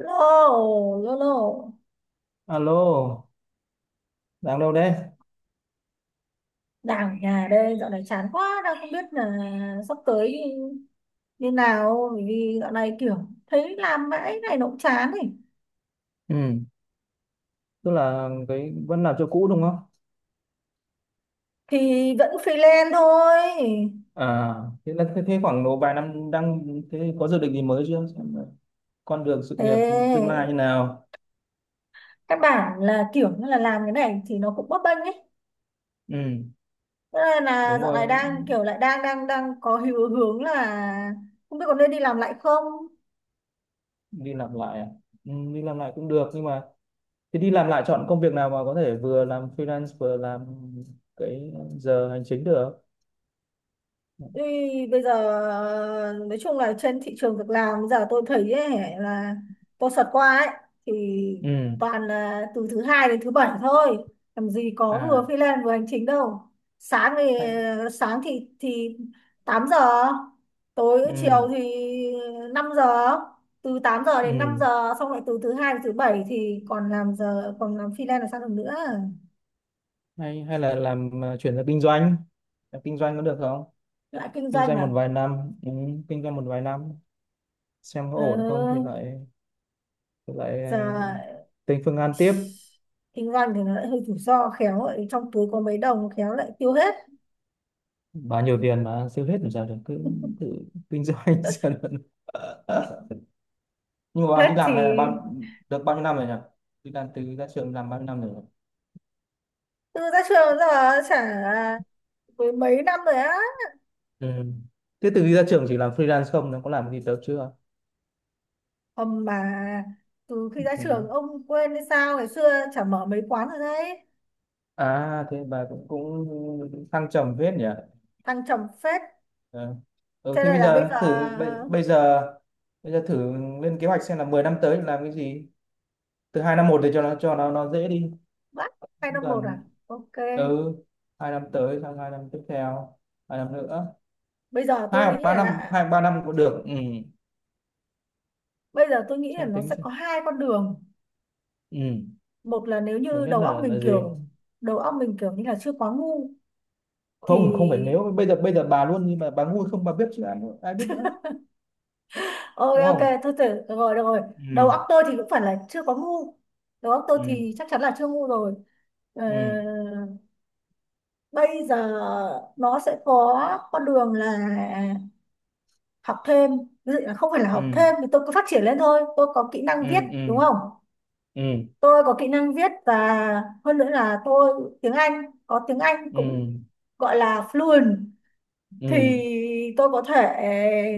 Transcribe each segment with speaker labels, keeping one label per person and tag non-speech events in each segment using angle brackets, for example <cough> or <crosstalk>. Speaker 1: Lô, lô lô.
Speaker 2: Alo, đang đâu đấy?
Speaker 1: Đang ở nhà đây. Dạo này chán quá, đang không biết là sắp tới như nào, bởi vì dạo này kiểu thấy làm mãi này nó cũng chán ấy.
Speaker 2: Ừ, tức là cái vẫn làm cho cũ đúng không?
Speaker 1: Thì vẫn freelance thôi.
Speaker 2: À, thế là thế, thế khoảng độ vài năm đang thế có dự định gì mới chưa? Xem là con đường sự nghiệp tương lai như
Speaker 1: Thế
Speaker 2: nào?
Speaker 1: các bạn là kiểu như là làm cái này thì nó cũng bấp bênh ấy.
Speaker 2: Ừ,
Speaker 1: Thế nên là
Speaker 2: đúng
Speaker 1: dạo
Speaker 2: rồi,
Speaker 1: này đang kiểu lại đang đang đang có hiệu hướng là không biết có nên đi làm lại không.
Speaker 2: đi làm lại à? Ừ, đi làm lại cũng được nhưng mà thế đi làm lại chọn công việc nào mà có thể vừa làm freelance vừa làm cái giờ hành chính được?
Speaker 1: Ý, bây giờ nói chung là trên thị trường việc làm bây giờ tôi thấy ấy, là tôi sợt qua ấy, thì
Speaker 2: Ừ,
Speaker 1: toàn là từ thứ hai đến thứ bảy thôi, làm gì có vừa
Speaker 2: à,
Speaker 1: freelance vừa hành chính đâu. sáng thì
Speaker 2: hay,
Speaker 1: sáng thì thì 8 giờ tối, chiều thì
Speaker 2: ừ,
Speaker 1: 5 giờ. Từ 8 giờ đến năm
Speaker 2: ừ,
Speaker 1: giờ xong lại từ thứ hai đến thứ bảy thì còn làm giờ, còn làm freelance là sao được nữa.
Speaker 2: hay hay là làm chuyển sang kinh doanh, làm kinh doanh có được không?
Speaker 1: Lại kinh
Speaker 2: Kinh
Speaker 1: doanh
Speaker 2: doanh một
Speaker 1: à?
Speaker 2: vài năm, ừ, kinh doanh một vài năm xem có ổn không thì
Speaker 1: Ừ,
Speaker 2: lại thì lại à,
Speaker 1: giờ
Speaker 2: tính phương án tiếp.
Speaker 1: kinh doanh thì nó lại hơi rủi ro, khéo lại trong túi có mấy đồng khéo lại tiêu hết.
Speaker 2: Bao nhiêu tiền mà tiêu hết làm sao được, cứ thử kinh doanh <laughs> xem là- nhưng mà bà đi
Speaker 1: Hết thì,
Speaker 2: làm này là bao được bao nhiêu năm rồi nhỉ, đi làm từ ra trường làm bao nhiêu năm rồi nhỉ?
Speaker 1: từ ra trường giờ chả mười mấy năm rồi á.
Speaker 2: Ừ. Thế từ khi ra trường chỉ làm freelance không nó có làm gì được chưa.
Speaker 1: Hầm mà, từ khi ra
Speaker 2: Ừ.
Speaker 1: trường ông quên hay sao, ngày xưa chả mở mấy quán rồi đấy.
Speaker 2: À thế bà cũng cũng thăng trầm phết nhỉ.
Speaker 1: Thăng trầm phết.
Speaker 2: Ờ. Ừ.
Speaker 1: Thế
Speaker 2: Thì
Speaker 1: này
Speaker 2: bây
Speaker 1: là bây giờ
Speaker 2: giờ thử bây giờ thử lên kế hoạch xem là 10 năm tới làm cái gì, từ hai năm một để cho nó nó dễ đi
Speaker 1: bắt 2 năm một à?
Speaker 2: gần.
Speaker 1: OK.
Speaker 2: Ừ, hai năm tới sang hai năm tiếp theo, hai năm nữa,
Speaker 1: bây giờ
Speaker 2: hai
Speaker 1: tôi
Speaker 2: hoặc
Speaker 1: nghĩ
Speaker 2: ba năm
Speaker 1: là
Speaker 2: cũng được, ừ.
Speaker 1: bây giờ tôi nghĩ là
Speaker 2: Xem
Speaker 1: nó
Speaker 2: tính
Speaker 1: sẽ
Speaker 2: xem.
Speaker 1: có hai con đường.
Speaker 2: Ừ.
Speaker 1: Một là nếu
Speaker 2: Lớn
Speaker 1: như
Speaker 2: nhất là gì
Speaker 1: đầu óc mình kiểu như là chưa quá ngu thì,
Speaker 2: không không phải nếu bây giờ bà luôn nhưng mà bà ngu không bà biết chứ ai ai biết nữa
Speaker 1: OK,
Speaker 2: đúng
Speaker 1: ok
Speaker 2: không?
Speaker 1: thôi, thử được rồi, được rồi. Đầu
Speaker 2: Ừ.
Speaker 1: óc tôi thì cũng phải là chưa có ngu, đầu óc tôi
Speaker 2: Ừ.
Speaker 1: thì chắc chắn là chưa ngu rồi. Ờ,
Speaker 2: Ừ.
Speaker 1: bây giờ nó sẽ có con đường là học thêm. Ví dụ là không phải là
Speaker 2: Ừ.
Speaker 1: học thêm, thì tôi cứ phát triển lên thôi. Tôi có kỹ năng
Speaker 2: Ừ.
Speaker 1: viết
Speaker 2: Ừ.
Speaker 1: đúng không.
Speaker 2: Ừ.
Speaker 1: Tôi có kỹ năng viết, và hơn nữa là tôi tiếng Anh, có tiếng Anh cũng
Speaker 2: Ừ.
Speaker 1: gọi là fluent. Thì
Speaker 2: Ừ.
Speaker 1: tôi có thể,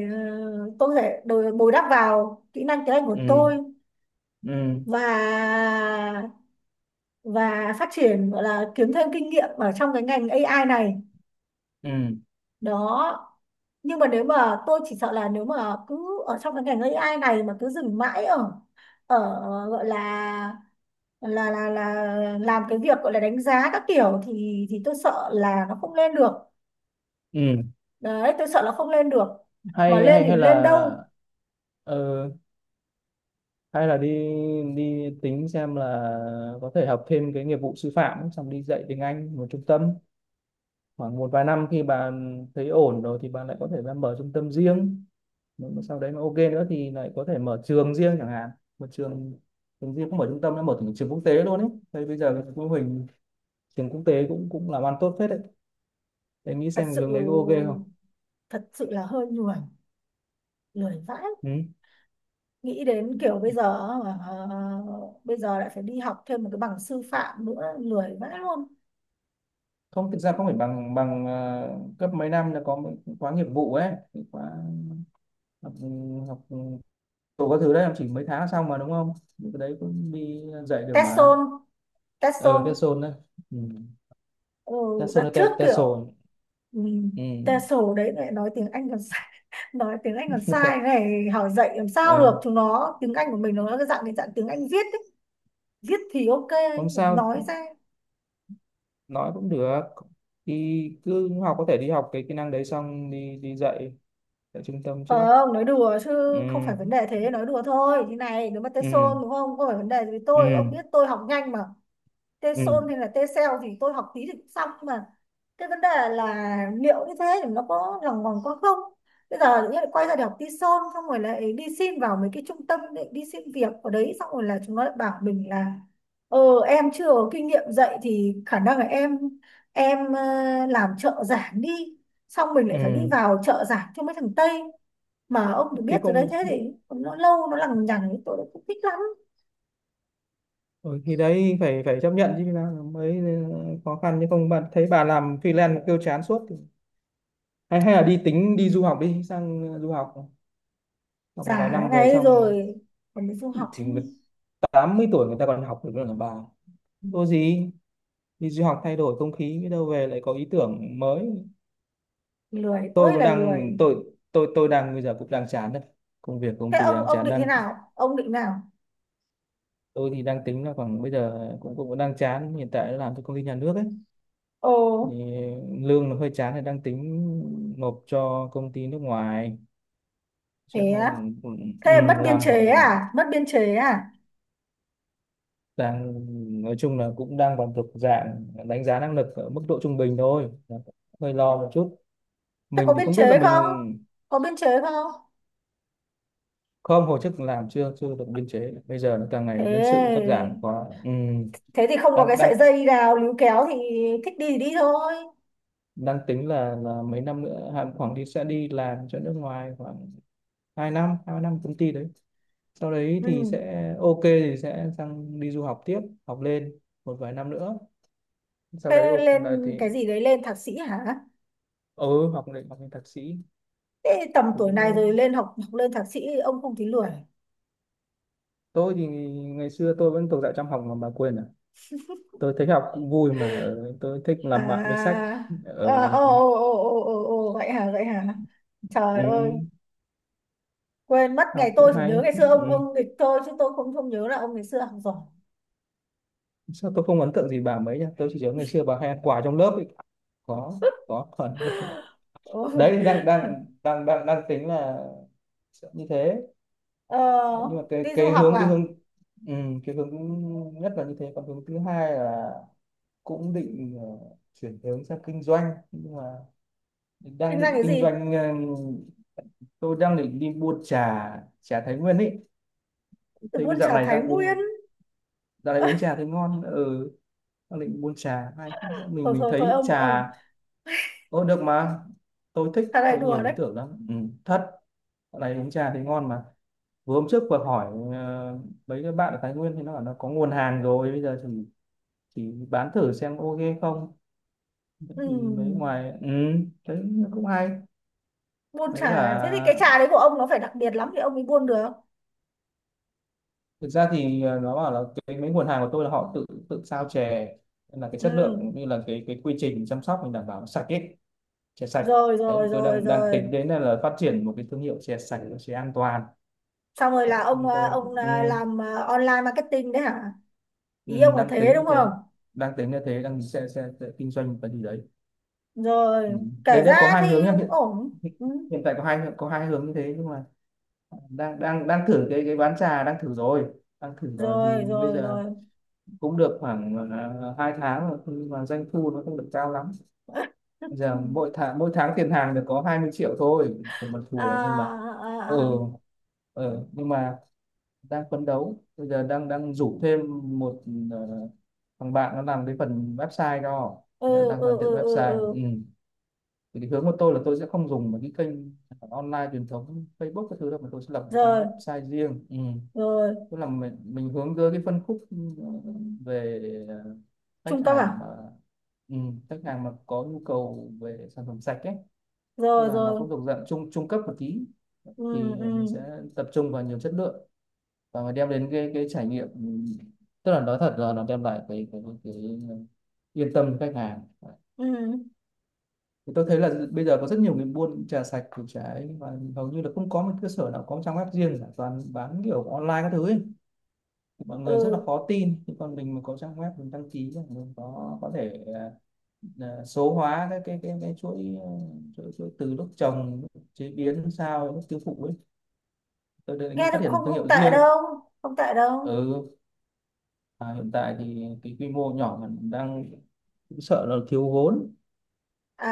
Speaker 1: ờ, tôi có thể bồi bồi đắp vào kỹ năng tiếng Anh của
Speaker 2: Ừ.
Speaker 1: tôi,
Speaker 2: Ừ.
Speaker 1: và và phát triển, gọi là kiếm thêm kinh nghiệm ở trong cái ngành AI này
Speaker 2: Ừ.
Speaker 1: đó. Nhưng mà nếu mà tôi chỉ sợ là nếu mà cứ ở trong cái ngành AI này mà cứ dừng mãi ở, ở gọi là làm cái việc gọi là đánh giá các kiểu, thì tôi sợ là nó không lên được.
Speaker 2: Ừ.
Speaker 1: Đấy, tôi sợ là không lên được, mà
Speaker 2: hay
Speaker 1: lên
Speaker 2: hay
Speaker 1: thì
Speaker 2: hay
Speaker 1: lên đâu.
Speaker 2: là ờ, hay là đi, đi tính xem là có thể học thêm cái nghiệp vụ sư phạm ấy, xong đi dạy tiếng Anh một trung tâm khoảng một vài năm, khi bạn thấy ổn rồi thì bạn lại có thể ra mở trung tâm riêng, nếu mà sau đấy nó ok nữa thì lại có thể mở trường riêng chẳng hạn, một trường, trường riêng cũng mở trung tâm, nó mở thành trường quốc tế luôn ấy. Thế bây giờ cái mô hình trường quốc tế cũng cũng làm ăn tốt phết đấy. Em nghĩ
Speaker 1: thật
Speaker 2: xem cái
Speaker 1: sự
Speaker 2: hướng đấy có ok không?
Speaker 1: thật sự là hơi lười, lười vãi.
Speaker 2: Ừ.
Speaker 1: Nghĩ đến kiểu bây giờ, ờ, bây giờ lại phải đi học thêm một cái bằng sư phạm nữa, lười vãi luôn.
Speaker 2: Không thực ra không phải bằng bằng cấp, mấy năm là có mấy khóa nghiệp vụ ấy, khóa học, ừ, học. Cậu có thử đấy, em chỉ mấy tháng xong mà đúng không? Những cái đấy cũng đi dạy được mà.
Speaker 1: TESOL,
Speaker 2: Ờ
Speaker 1: TESOL.
Speaker 2: Tesson đấy. Ừ.
Speaker 1: Ừ,
Speaker 2: Tesson
Speaker 1: đặt
Speaker 2: hay Te-
Speaker 1: trước
Speaker 2: Tesson.
Speaker 1: kiểu, ừ,
Speaker 2: Ừ.
Speaker 1: TESOL đấy lại nói tiếng Anh còn sai. <laughs> Nói tiếng Anh còn sai
Speaker 2: <laughs>
Speaker 1: này hỏi dạy làm sao
Speaker 2: Ờ,
Speaker 1: được chúng nó. Tiếng Anh của mình nó là cái dạng tiếng Anh viết ấy. Viết thì ok,
Speaker 2: không sao,
Speaker 1: nói ra,
Speaker 2: nói cũng được. Thì cứ học, có thể đi học cái kỹ năng đấy xong đi đi dạy tại trung tâm trước.
Speaker 1: không nói đùa chứ, không
Speaker 2: Ừ.
Speaker 1: phải vấn đề, thế nói đùa thôi. Như này nếu mà
Speaker 2: Ừ.
Speaker 1: TESOL đúng không, không phải vấn đề gì với tôi,
Speaker 2: Ừ.
Speaker 1: ông biết tôi học nhanh mà.
Speaker 2: Ừ.
Speaker 1: T-son hay là T-cell thì tôi học tí thì cũng xong mà. Cái vấn đề là liệu như thế thì nó có lòng vòng có không. Bây giờ tự nhiên lại quay ra để học T-son, xong rồi lại đi xin vào mấy cái trung tâm để đi xin việc ở đấy, xong rồi là chúng nó lại bảo mình là, ờ em chưa có kinh nghiệm dạy thì khả năng là em, em làm trợ giảng đi. Xong mình lại phải đi
Speaker 2: Ừ.
Speaker 1: vào trợ giảng cho mấy thằng Tây, mà ông được
Speaker 2: Thì
Speaker 1: biết rồi đấy,
Speaker 2: không,
Speaker 1: thế thì nó lâu, nó lằng nhằng, tôi cũng không thích lắm.
Speaker 2: ừ, thì đấy phải phải chấp nhận chứ nào mới khó khăn chứ không bạn thấy bà làm freelance mà kêu chán suốt thì hay hay là đi tính đi du học, đi sang du học. Xong vài
Speaker 1: Giả
Speaker 2: năm về
Speaker 1: này
Speaker 2: xong
Speaker 1: rồi còn mình du học.
Speaker 2: thì người 80 tuổi người ta còn học được nữa là bà, có gì đi du học thay đổi không khí biết đâu về lại có ý tưởng mới.
Speaker 1: Lười
Speaker 2: Tôi
Speaker 1: ơi
Speaker 2: cũng
Speaker 1: là
Speaker 2: đang
Speaker 1: lười.
Speaker 2: tôi tôi đang bây giờ cũng đang chán đấy, công việc công
Speaker 1: Thế
Speaker 2: ty
Speaker 1: ông
Speaker 2: đang
Speaker 1: ông
Speaker 2: chán,
Speaker 1: định thế
Speaker 2: đang
Speaker 1: nào, ông định nào?
Speaker 2: tôi thì đang tính là khoảng bây giờ cũng cũng đang chán hiện tại làm cho công ty nhà nước ấy
Speaker 1: Ồ.
Speaker 2: thì lương nó hơi chán thì đang tính nộp cho công ty nước ngoài, chắc
Speaker 1: Thế
Speaker 2: là,
Speaker 1: á?
Speaker 2: ừ, ừ,
Speaker 1: Thế mất biên
Speaker 2: làm
Speaker 1: chế
Speaker 2: khoảng
Speaker 1: à, mất biên chế à?
Speaker 2: đang, nói chung là cũng đang còn thuộc dạng đánh giá năng lực ở mức độ trung bình thôi, hơi lo một chút,
Speaker 1: Thế
Speaker 2: mình
Speaker 1: có
Speaker 2: thì
Speaker 1: biên
Speaker 2: không biết là
Speaker 1: chế không,
Speaker 2: mình
Speaker 1: có biên chế không?
Speaker 2: không hồi chức làm chưa chưa được biên chế bây giờ nó càng ngày nhân sự cũng cắt giảm
Speaker 1: thế
Speaker 2: quá, ừ,
Speaker 1: thế thì không có cái
Speaker 2: đang
Speaker 1: sợi
Speaker 2: đang
Speaker 1: dây nào líu kéo thì thích đi thì đi thôi.
Speaker 2: đang tính là mấy năm nữa Hàn khoảng đi sẽ đi làm cho nước ngoài khoảng 2 năm, hai năm công ty đấy, sau đấy
Speaker 1: Ừ.
Speaker 2: thì sẽ ok thì sẽ sang đi du học tiếp, học lên một vài năm nữa, sau đấy
Speaker 1: Thế
Speaker 2: ok
Speaker 1: lên
Speaker 2: là thì,
Speaker 1: cái gì đấy, lên thạc sĩ hả?
Speaker 2: ừ học lên thạc sĩ.
Speaker 1: Thế tầm
Speaker 2: Thứ
Speaker 1: tuổi này rồi lên học học lên thạc sĩ ông không thấy lười?
Speaker 2: tôi thì ngày xưa tôi vẫn thuộc dạng chăm học mà bà quên à, tôi thấy học cũng vui mà, ờ, tôi thích làm bạn với sách.
Speaker 1: À,
Speaker 2: Ờ,
Speaker 1: à, ồ, ồ, ồ, ồ, ồ, ồ, vậy hả, vậy hả? Trời
Speaker 2: ừ,
Speaker 1: ơi, quên mất. Ngày
Speaker 2: học
Speaker 1: tôi
Speaker 2: cũng
Speaker 1: chỉ nhớ
Speaker 2: hay,
Speaker 1: ngày xưa
Speaker 2: ừ.
Speaker 1: ông nghịch thôi, chứ tôi không không nhớ là ông ngày xưa học giỏi.
Speaker 2: Sao tôi không ấn tượng gì bà mấy nhá, tôi chỉ nhớ ngày xưa bà hay ăn quà trong lớp ấy. có có phần <laughs>
Speaker 1: <laughs> Ừ.
Speaker 2: đấy đang đang đang đang đang tính là sẽ như thế.
Speaker 1: Ờ,
Speaker 2: Đấy, nhưng mà cái
Speaker 1: đi du
Speaker 2: cái
Speaker 1: học
Speaker 2: hướng, cái
Speaker 1: à?
Speaker 2: hướng, ừ, cái hướng nhất là như thế, còn hướng thứ hai là cũng định chuyển hướng sang kinh doanh, nhưng mà đang
Speaker 1: Kinh doanh
Speaker 2: định
Speaker 1: cái
Speaker 2: kinh
Speaker 1: gì?
Speaker 2: doanh, tôi đang định đi mua trà, trà Thái Nguyên ấy,
Speaker 1: Từ
Speaker 2: thấy bây
Speaker 1: buôn
Speaker 2: dạo
Speaker 1: trà
Speaker 2: này
Speaker 1: Thái
Speaker 2: đang
Speaker 1: Nguyên?
Speaker 2: uống, dạo này uống trà thấy ngon, ừ, đang định mua trà hay mình
Speaker 1: Thôi thôi thôi,
Speaker 2: thấy
Speaker 1: ông
Speaker 2: trà
Speaker 1: ông
Speaker 2: ô được mà, tôi thích
Speaker 1: Trà này
Speaker 2: tôi
Speaker 1: đùa
Speaker 2: nhiều ý
Speaker 1: đấy.
Speaker 2: tưởng lắm, ừ, thật, dạo này uống trà thấy ngon mà, vừa hôm trước vừa hỏi, ờ, mấy cái bạn ở Thái Nguyên thì nó bảo nó có nguồn hàng rồi bây giờ thì chỉ bán thử xem ok không. Thế
Speaker 1: Ừ,
Speaker 2: thì mấy ngoài, ừ, thấy cũng hay,
Speaker 1: buôn trà
Speaker 2: với cả
Speaker 1: à? Thế thì cái trà đấy của ông nó phải đặc biệt lắm thì ông mới buôn được.
Speaker 2: thực ra thì, nó bảo là cái mấy nguồn hàng của tôi là họ tự tự sao chè, nên là cái chất lượng
Speaker 1: Ừ.
Speaker 2: cũng như là cái quy trình chăm sóc mình đảm bảo nó sạch ấy, chè sạch.
Speaker 1: Rồi
Speaker 2: Đấy
Speaker 1: rồi
Speaker 2: tôi
Speaker 1: rồi
Speaker 2: đang đang
Speaker 1: rồi.
Speaker 2: tính đến là phát triển một cái thương hiệu chè sạch, chè an toàn,
Speaker 1: Xong rồi
Speaker 2: đấy
Speaker 1: là ông
Speaker 2: xong
Speaker 1: à,
Speaker 2: tôi,
Speaker 1: ông
Speaker 2: ừ,
Speaker 1: à, làm à, online marketing đấy hả?
Speaker 2: ừ,
Speaker 1: Ý ông là
Speaker 2: đang
Speaker 1: thế
Speaker 2: tính
Speaker 1: đúng
Speaker 2: như
Speaker 1: không.
Speaker 2: thế, đang tính như thế, đang sẽ kinh doanh một cái gì đấy.
Speaker 1: Rồi,
Speaker 2: Ừ.
Speaker 1: kể
Speaker 2: Đấy đấy có
Speaker 1: ra
Speaker 2: hai
Speaker 1: thì
Speaker 2: hướng nhá,
Speaker 1: cũng
Speaker 2: hiện
Speaker 1: ổn.
Speaker 2: hiện
Speaker 1: Ừ.
Speaker 2: hiện tại có hai hướng như thế, nhưng mà đang đang đang thử cái bán trà, đang thử rồi, đang thử rồi, thì
Speaker 1: Rồi
Speaker 2: bây
Speaker 1: rồi
Speaker 2: giờ
Speaker 1: rồi.
Speaker 2: cũng được khoảng 2 tháng rồi nhưng mà doanh thu nó không được cao lắm. Bây giờ mỗi
Speaker 1: <laughs>
Speaker 2: tháng tiền hàng được có 20 triệu thôi còn mặt
Speaker 1: À,
Speaker 2: thùa, nhưng mà, ừ,
Speaker 1: à, à, à.
Speaker 2: ừ nhưng mà đang phấn đấu, bây giờ đang đang rủ thêm một, ờ, thằng bạn nó làm cái phần website cho.
Speaker 1: Ừ,
Speaker 2: Thế là đang
Speaker 1: ừ,
Speaker 2: hoàn thiện
Speaker 1: ừ, ừ,
Speaker 2: website,
Speaker 1: ừ.
Speaker 2: ừ. Thì cái hướng của tôi là tôi sẽ không dùng một cái kênh online truyền thống Facebook cái thứ đâu, mà tôi sẽ lập một trang
Speaker 1: Rồi
Speaker 2: website riêng, ừ,
Speaker 1: rồi.
Speaker 2: tức là mình hướng tới cái phân khúc, ừ, về, ờ, khách
Speaker 1: Trung cấp à?
Speaker 2: hàng mà, ừ, khách hàng mà có nhu cầu về sản phẩm sạch ấy, tức
Speaker 1: Rồi
Speaker 2: là nó
Speaker 1: rồi.
Speaker 2: cũng thuộc dạng trung trung cấp một tí,
Speaker 1: Ừ,
Speaker 2: thì
Speaker 1: ừ,
Speaker 2: mình sẽ tập trung vào nhiều chất lượng và mà đem đến cái trải nghiệm, ừ. Tức là nói thật là nó đem lại cái cái yên tâm cho khách hàng,
Speaker 1: ừ,
Speaker 2: thì tôi thấy là bây giờ có rất nhiều người buôn trà sạch củ trái, và hầu như là không có một cơ sở nào có một trang web riêng cả, toàn bán kiểu online các thứ ấy, mọi người rất là
Speaker 1: ừ.
Speaker 2: khó tin, nhưng còn mình mà có trang web mình đăng ký mình có thể à, số hóa cái chuỗi, chuỗi từ lúc trồng lúc chế biến sao lúc tiêu thụ ấy, tôi
Speaker 1: Nghe
Speaker 2: đến
Speaker 1: thì
Speaker 2: phát
Speaker 1: cũng
Speaker 2: triển
Speaker 1: không
Speaker 2: thương
Speaker 1: không
Speaker 2: hiệu
Speaker 1: tệ
Speaker 2: riêng.
Speaker 1: đâu, không tệ đâu.
Speaker 2: Ừ à, hiện tại thì cái quy mô nhỏ mình đang cũng sợ là thiếu vốn,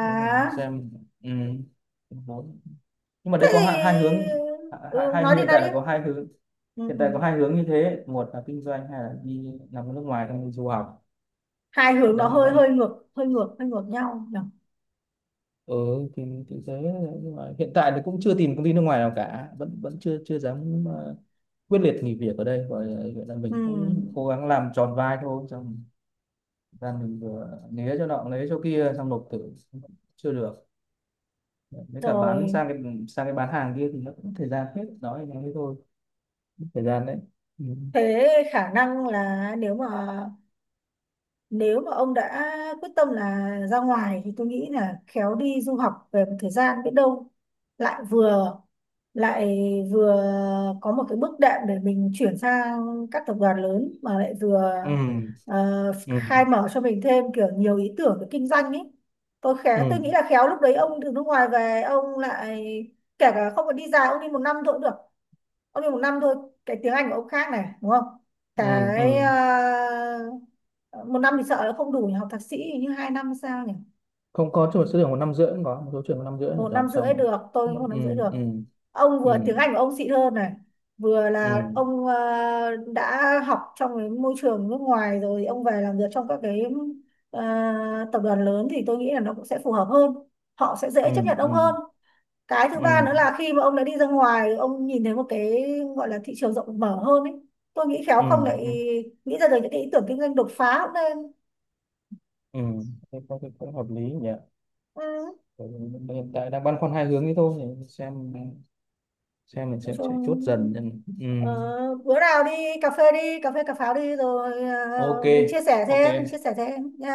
Speaker 2: nếu là mình xem, ừ, thiếu vốn, nhưng mà
Speaker 1: thế
Speaker 2: đây có hai hướng,
Speaker 1: thì, ừ,
Speaker 2: hai
Speaker 1: nói đi
Speaker 2: hiện
Speaker 1: nói
Speaker 2: tại
Speaker 1: đi.
Speaker 2: là có hai hướng,
Speaker 1: Ừ,
Speaker 2: hiện
Speaker 1: ừ.
Speaker 2: tại có hai hướng như thế, một là kinh doanh hay là đi làm ở nước ngoài đang du học,
Speaker 1: Hai hướng nó
Speaker 2: đang
Speaker 1: hơi
Speaker 2: đang
Speaker 1: hơi ngược, hơi ngược, hơi ngược nhau nhỉ.
Speaker 2: ừ, thì thế nhưng mà hiện tại thì cũng chưa tìm công ty nước ngoài nào cả, vẫn vẫn chưa chưa dám quyết liệt nghỉ việc ở đây, gọi là mình cũng
Speaker 1: Ừ.
Speaker 2: cố gắng làm tròn vai thôi, xong ra mình vừa né cho nọ lấy cho kia xong nộp thử chưa được, với cả bán
Speaker 1: Rồi.
Speaker 2: sang cái, sang cái bán hàng kia thì nó cũng thời gian hết, nói thế thôi, thời gian đấy, Ừ.
Speaker 1: Thế khả năng là nếu mà ông đã quyết tâm là ra ngoài, thì tôi nghĩ là khéo đi du học về một thời gian biết đâu lại vừa lại vừa có một cái bước đệm để mình chuyển sang các tập đoàn lớn, mà lại vừa,
Speaker 2: Ừ.
Speaker 1: ờ,
Speaker 2: Ừ.
Speaker 1: khai mở cho mình thêm kiểu nhiều ý tưởng về kinh doanh ấy. Tôi
Speaker 2: Ừ.
Speaker 1: nghĩ là khéo lúc đấy ông từ nước ngoài về ông lại, kể cả không phải đi dài, ông đi 1 năm thôi cũng được, ông đi 1 năm thôi. Cái tiếng Anh của ông khác này đúng không.
Speaker 2: Ừ. Ừ.
Speaker 1: Cái, ờ, 1 năm thì sợ là không đủ nhỉ, học thạc sĩ hình như 2 năm hay sao nhỉ.
Speaker 2: Không có chỗ số trường một năm rưỡi, cũng có một số trường một năm rưỡi là
Speaker 1: một năm
Speaker 2: dòng xong
Speaker 1: rưỡi
Speaker 2: rồi.
Speaker 1: được, tôi
Speaker 2: Ừ.
Speaker 1: nghĩ 1 năm rưỡi được.
Speaker 2: Ừ.
Speaker 1: Ông
Speaker 2: Ừ.
Speaker 1: vừa tiếng Anh của ông xịn hơn này, vừa
Speaker 2: Ừ.
Speaker 1: là ông, đã học trong cái môi trường nước ngoài rồi, ông về làm việc trong các cái, ờ, tập đoàn lớn thì tôi nghĩ là nó cũng sẽ phù hợp hơn, họ sẽ
Speaker 2: Ừ.
Speaker 1: dễ chấp nhận ông
Speaker 2: Ừ.
Speaker 1: hơn. Cái thứ ba
Speaker 2: Ừ.
Speaker 1: nữa là khi mà ông đã đi ra ngoài, ông nhìn thấy một cái gọi là thị trường rộng mở hơn ấy. Tôi nghĩ khéo
Speaker 2: Ừ.
Speaker 1: không lại
Speaker 2: Ừ.
Speaker 1: nghĩ ra được những cái ý tưởng kinh doanh đột phá cũng nên.
Speaker 2: Ừ. Thế có cái cũng hợp lý nhỉ.
Speaker 1: Ừ.
Speaker 2: Bởi hiện tại đang băn khoăn hai hướng ấy thôi, để xem mình
Speaker 1: Nói
Speaker 2: sẽ chốt
Speaker 1: chung,
Speaker 2: dần.
Speaker 1: ờ,
Speaker 2: Ừ.
Speaker 1: bữa nào đi cà phê, đi cà phê cà pháo đi, rồi,
Speaker 2: Ok,
Speaker 1: mình chia sẻ
Speaker 2: ok,
Speaker 1: thêm, mình chia sẻ thêm nhá.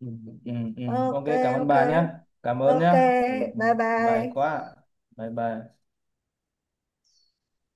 Speaker 2: ừ, ừ, ừ. Ok
Speaker 1: OK,
Speaker 2: cảm ơn
Speaker 1: ok,
Speaker 2: bà nhé, cảm ơn
Speaker 1: ok.
Speaker 2: nhé. Ừ.
Speaker 1: Bye bye.
Speaker 2: May quá, bye bye.